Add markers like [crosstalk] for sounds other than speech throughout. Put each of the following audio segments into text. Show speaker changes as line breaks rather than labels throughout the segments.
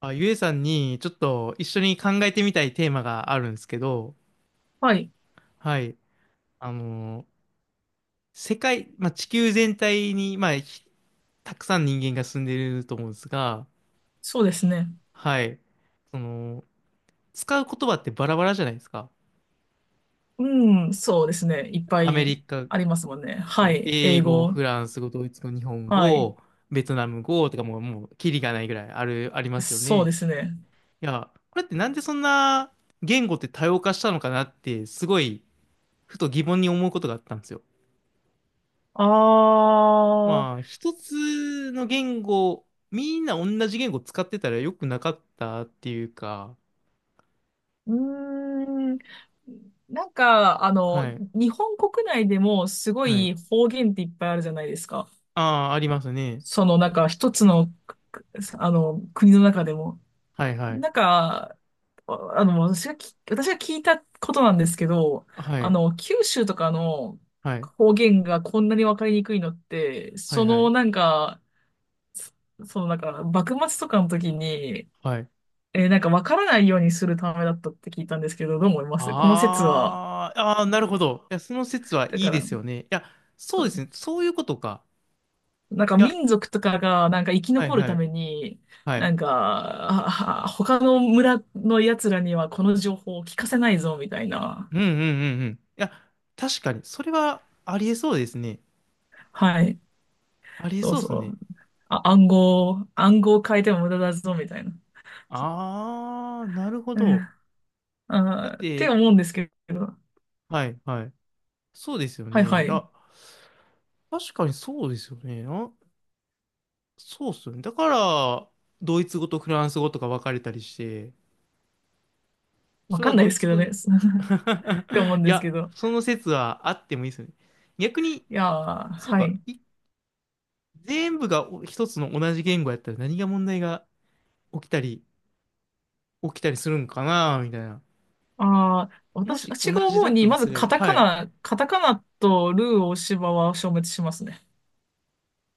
あ、ゆえさんにちょっと一緒に考えてみたいテーマがあるんですけど、
はい。
はい。あの世界、まあ、地球全体に、まあ、ひたくさん人間が住んでると思うんですが、
そうですね。
はい。その、使う言葉ってバラバラじゃないですか。
うん、そうですね。いっぱ
アメ
い
リカ
ありますもんね。は
語、
い。英
英語、
語。
フランス語、ドイツ語、日本
はい。
語、ベトナム語とかもう、キリがないぐらいありますよ
そう
ね。い
ですね。
や、これってなんでそんな言語って多様化したのかなって、すごい、ふと疑問に思うことがあったんですよ。
あ
まあ、
ー、
一つの言語、みんな同じ言語使ってたら良くなかったっていうか、
うーん。なんか、あの、
はい、
日本国内でもすご
はい。
い方言っていっぱいあるじゃないですか。
ああ、ありますね。
その、なんか一つの、く国の中でも。
はいはい。
なんか、私が聞いたことなんですけど、
はい、
九州とかの
はい、
方言がこんなにわかりにくいのって、
はい、はい、
そそのなんか、幕末とかの時に、
はい。
なんかわからないようにするためだったって聞いたんですけど、どう思いますこの説は？
ああ、ああ、なるほど。いや、その説は
だ
いい
か
で
ら、
すよね。いや、そ
そ
うです
う
ね。そういうことか。
なんか
いや、
民族とかがなんか生き
はい
残る
は
た
い、
めに、
はい。
ああ他の村の奴らにはこの情報を聞かせないぞ、みたいな。
うんうんうんうん。いや、確かに、それはありえそうですね。
はい。
ありえ
そう
そうです
そ
ね。
う。あ、暗号を変えても無駄だぞ、みたいな。そ
ああ、なるほ
う、うん
ど。だっ
あーって
て、
思うんですけど。
はいはい。そうですよ
はいは
ね。
い。
あ、確かにそうですよね。あ、そうっすよね。だから、ドイツ語とフランス語とか分かれたりして、
わ
それ
か
は
んない
ド
で
イ
すけ
ツ
ど
語
ね。[laughs]
ね。
って思う
[laughs]
ん
い
ですけ
や、
ど。
その説はあってもいいですよね。逆に、
いやー、
そう
は
か、
い。
い全部がお一つの同じ言語やったら何が問題が起きたり、起きたりするんかな、みたいな。
ああ、
もし同
私が
じ
思
だ
う
った
に、
と
ま
す
ず
れ
カ
ば、
タ
は
カ
い。
ナ、カタカナとルー大柴は消滅しますね。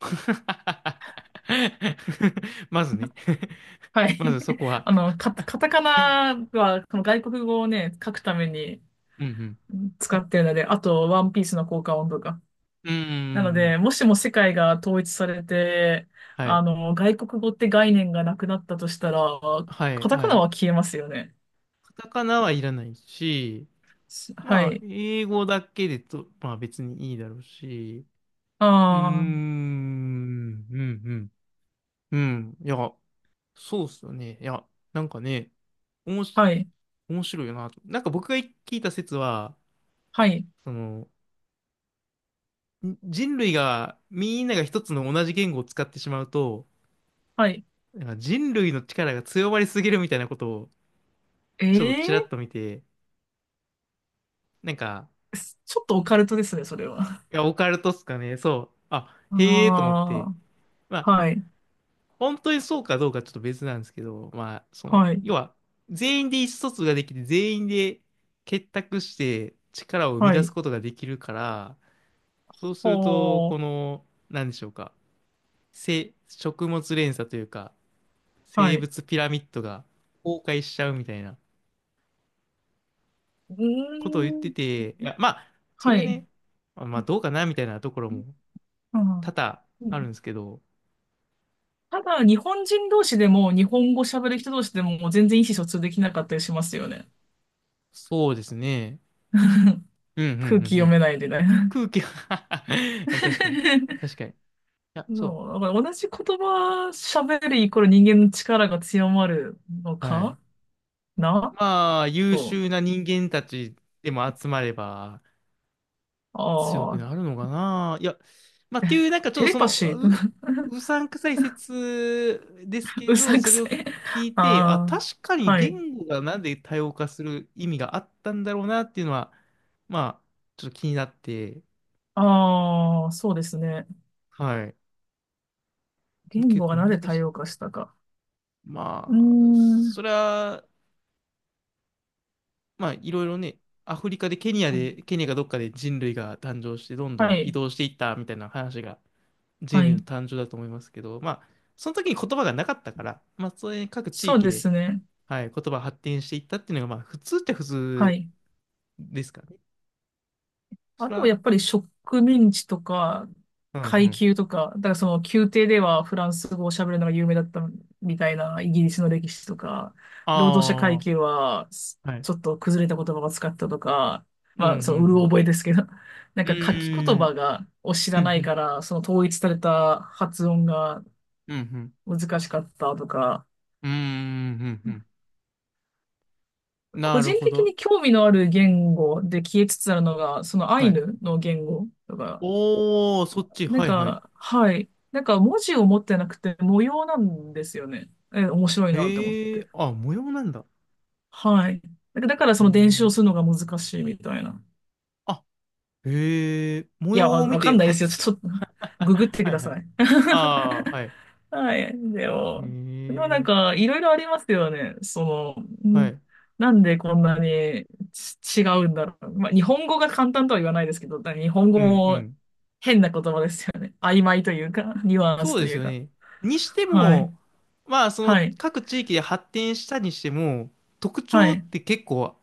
[laughs] まずね。[laughs]
はい。
まずそ
[laughs]
こは。
あの、カタカナは、この外国語をね、書くために
うんうん。
うん使ってるので、あと、ワンピースの効果音とか。
うんうんう
なの
んう
で、
ん。
もしも世界が統一されて、
は
あ
い。
の、外国語って概念がなくなったとしたら、
はい
カタカ
は
ナ
い。
は消えますよね。
カタカナはいらないし、
しは
まあ、
い。
英語だけでと、まあ別にいいだろうし、うーん、う
あ
ん、うん、うん。いや、そうっすよね。いや、なんかね、おも
あ、
し、
はい、
面白いよなと。なんか僕が聞いた説は、
はい、
その、ん人類が、みんなが一つの同じ言語を使ってしまうと、
はい。
なんか人類の力が強まりすぎるみたいなことを、ちょっとちらっ
ええ
と見て、なんか、
ーすちょっとオカルトですね、それは。
いや、オカルトっすかね、そう。あ、
[laughs] あ
へえと思って。ま
あ、
あ、
はい、
本当にそうかどうかちょっと別なんですけど、まあ、その、
はい、
要は、全員で意思疎通ができて、全員で結託して力を生み
は
出す
い、
ことができるから、そうすると、
ほ
こ
ー、
の、なんでしょうか、食物連鎖というか、
は
生
い。
物ピラミッドが崩壊しちゃうみたいな
う
ことを言っ
ー
て
ん、
て、いや、まあ、そ
は
れ
い。
ね、まあ、どうかなみたいなところも
う
多々あるん
ん
ですけど、
ただ、日本人同士でも、日本語喋る人同士でも、全然意思疎通できなかったりしますよね。
そうですね。うん、う
空気
ん、う
読
ん、
めないでね。
空気は [laughs] 確かに。確
[laughs]
かに。いや、そ
そう、だから同じ言葉喋るイコール人間の力が強まるの
う。はい。
かな
まあ、優
そう。
秀な人間たちでも集まれば強く
あ
な
あ、
るのかな。いや、まあ、っていう、なんかちょっ
テ
と
レ
そ
パ
の、
シー、
う、
[laughs]
うさんくさい説ですけ
うさ
ど、
んく
それ
さ
を
い。
聞いて、あ、
あ
確か
あ、
に
はい。
言語がなんで多様化する意味があったんだろうなっていうのは、まあ、ちょっと気になって、
ああ、そうですね。
はい。
言
結
語が
構
な
難
ぜ多
しい。
様化したか。うー
まあ、そ
ん。
れは、まあ、いろいろね、アフリカでケニアで、ケニアがどっかで人類が誕生して、どんど
は
ん移
い。
動していったみたいな話が人
は
類の
い。
誕生だと思いますけど、まあ、その時に言葉がなかったから、まあ、それ各地
そう
域
で
で、
すね。
はい、言葉が発展していったっていうのが、まあ、普通って普
は
通
い。
ですからね。そ
あ
れ
とはや
は、
っぱり植民地とか
うんう
階
ん。
級とか、だからその宮廷ではフランス語を喋るのが有名だったみたいなイギリスの歴史とか、労働者階
あ
級はす
あ、は
ちょっ
い。
と崩れた言葉を使ったとか、
うん、う
まあそのうる
ん、
覚えですけど、[laughs] なん
うん。
か書き言葉
う
がを知
ーん、
らな
う
いか
ん、
ら、その統一された発音が
うん、うん、うん。
難しかったとか、
うーん、うん、うん。な
個
る
人
ほ
的
ど。
に興味のある言語で消えつつあるのが、そのア
は
イ
い。
ヌの言語とか、
おー、そっち、
なん
はい、はい。
か、はい。なんか文字を持ってなくて模様なんですよね。え、面白いなって思っ
ええ
て。
ー、あ、模様なんだ。
はい。だから
へ
その伝承
え。
するのが難しいみたいな。
あ、へえ。模
いや、
様を見
わか
て
んないですよ。
初。
[laughs] っと、ググってく
はい
だ
はい。
さい。
ああ、はい。
[laughs] はい。
へ
でもなん
え。
か、いろいろありますよね。の、
は
ん
い。
なんでこんなに違うんだろう。まあ、日本語が簡単とは言わないですけど、だから日本
う
語
んう
も
ん。
変な言葉ですよね。曖昧というか、ニュアン
そ
ス
う
と
です
いう
よ
か。
ね。にして
はい。
も、まあ、そ
は
の
い。
各地域で発展したにしても、特
は
徴っ
い。
て結構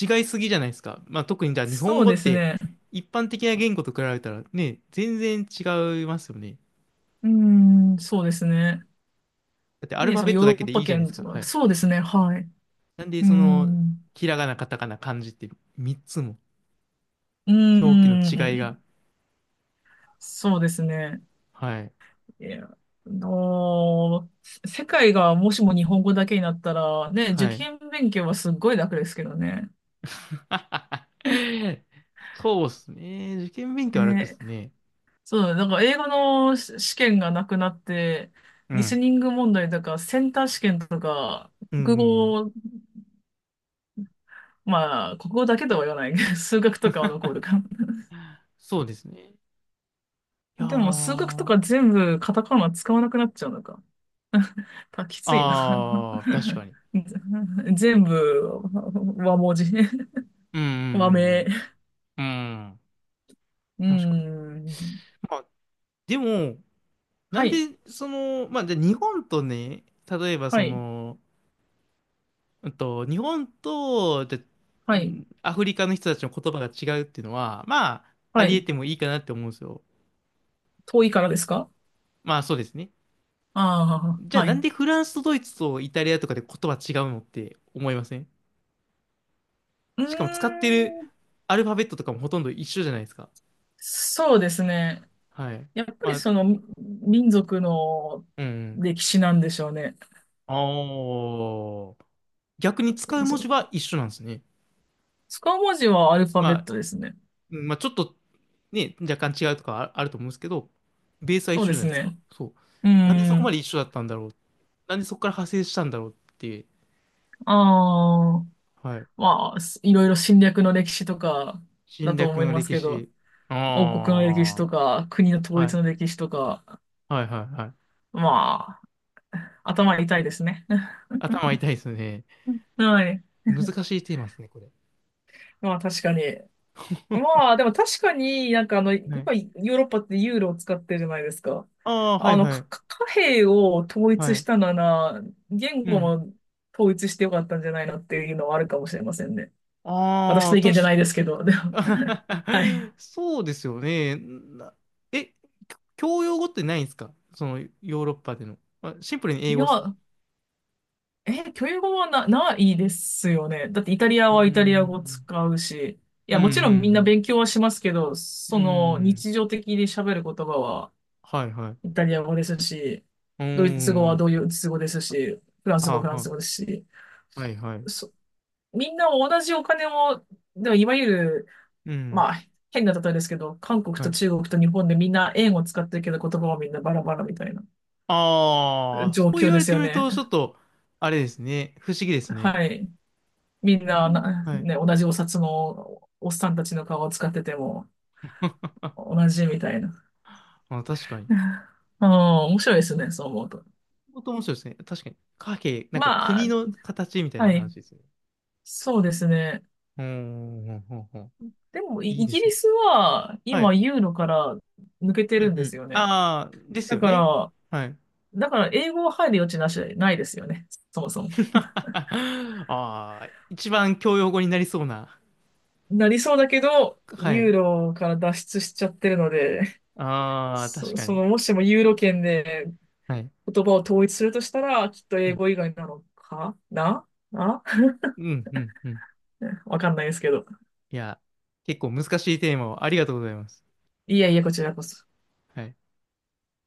違いすぎじゃないですか。まあ、特にじゃあ日本
そう
語っ
です
て
ね。
一般的な言語と比べたらね、全然違いますよね。
うーん、そうですね。
だってアル
で、
ファ
そ
ベ
の
ッ
ヨ
ト
ー
だ
ロ
け
ッ
でい
パ
いじゃないで
圏
すか。
と
は
か、
い。
そうですね。はい。
なんで、
うー
その、
ん。
ひらがな、カタカナ、漢字って3つも
うー
表記の違い
ん。
が、
そうですね。
はい。
いや、世界がもしも日本語だけになったら、ね、受
はい。
験勉強はすっごい楽ですけどね。
[laughs] そうっすね。受験勉強は楽っ
ね、
すね。
そう、だから英語の試験がなくなって、
う
リス
ん。
ニング問題とか、センター試験とか、
うんう
国
んうん。
語まあ、国語だけとは言わない。[laughs] 数学とかは残るかな。
そうですね。いや
でも、数学と
ー。
か全部カタカナ使わなくなっちゃうのか。きついな。
あー、確かに。
[laughs] 全部和文字。
う
和名。
ん
う
うんうんうん。うん。
ん。
確かに。まあ、でも、な
は
ん
い。
で、その、まあ、じゃあ日本とね、例えば
は
そ
い。
の、うんと、日本と、じゃあう
はい。
んアフリカの人たちの言葉が違うっていうのは、まあ、あ
は
りえ
い。
てもいいかなって思うんですよ。
遠いからですか
まあ、そうですね。
あ
じ
あー、
ゃあ
は
なん
い。
でフランスとドイツとイタリアとかで言葉違うのって思いません
うー
しかも使ってる
ん。
アルファベットとかもほとんど一緒じゃないですか。
そうですね。
はい。
やっぱり
まあ、
その民族の
うん。
歴史なんでしょうね。
ああ。逆に使う文字
そ、
は一緒なんですね。
使う文字はアルファ
ま
ベッ
あ、
トですね。
うんまあちょっとね、若干違うとかああると思うんですけど、ベースは一
そう
緒
で
じゃな
す
いですか。
ね。
そう。
う
なんでそ
ー
こま
ん。
で一緒だったんだろう。なんでそこから派生したんだろうっていう。
ああ、
はい。
まあ、いろいろ侵略の歴史とかだ
侵
と
略
思い
の
ます
歴
けど、
史。
王国の歴史
あ
とか、国の
あ。
統
は
一
い。
の歴史とか、
はいはいはい。
まあ、頭痛いですね。
頭痛いですね。
[laughs] はい。
難しいテーマですね、これ。
まあ、確かに。
[laughs]
まあ、でも確かになんかあの、
はい。
今、ヨーロッパってユーロを使ってるじゃないですか。
ああ、は
あ
い
の、
はい。
貨幣を統一
は
し
い。
たなら、言
う
語
ん。
も統一してよかったんじゃないのっていうのはあるかもしれませんね。私
あ
の
あ、
意見じゃ
確
ない
か、
ですけど、でも、はい。
[laughs] そうですよね。なえ、教養語ってないんですかそのヨーロッパでの。あ、シンプルに
い
英語ですか
や、え、教育語はな、ないですよね。だってイタリア
うー
はイタリア語
ん。
使うし、い
う
や、
ん、う
もちろんみんな
ん、
勉強はしますけど、
うん。う
そ
ー
の
ん。
日常的に喋る言葉は
はいはい。う
イタリア語ですし、
ー
ドイツ語は
ん。
ドイツ語ですし、フランス
は
語は
あ、
フランス
は
語ですし、
あ。はいはい。
そ、みんな同じお金を、でもいわゆる、
うん。
まあ、変な例えですけど、韓国
は
と
い。
中国と日本でみんな円を使ってるけど言葉はみんなバラバラみたいな
ああ、そ
状
う
況
言わ
で
れ
す
て
よ
みる
ね。
と、ちょっと、あれですね。不思議ですね。
はい。みん
う
な、
んはい。
ね、同じお札のおっさんたちの顔を使ってても
[laughs]
同じみたいな。
あ、確かに。
[laughs] うん、面白いですね、そう思うと。
本当面白いですね。確かに。貨幣、なんか
まあ、
国の形みたい
は
な
い。
話ですね。
そうですね。
うーん、うんうんうん
でも、
いい
イ
で
ギ
す
リ
ね。
スは
は
今
い。
ユーロから抜けて
うん
るん
う
です
ん。
よね。
ああ、です
だ
よ
か
ね。
ら、
はい。
だから英語は入る余地ないですよね。そもそも。
[laughs] ああ、一番教養語になりそうな。
なりそうだけど、
は
ユー
い。
ロから脱出しちゃってるので、
ああ、確
そ、
か
そ
に。
の、もしもユーロ圏で
はい。
言葉を統一するとしたら、きっと
う
英
ん、
語以外なのかなな
うん、うん、うん。
[laughs] わかんないですけど。
いや、結構難しいテーマをありがとうございます。
いやいや、こちらこそ。
はい。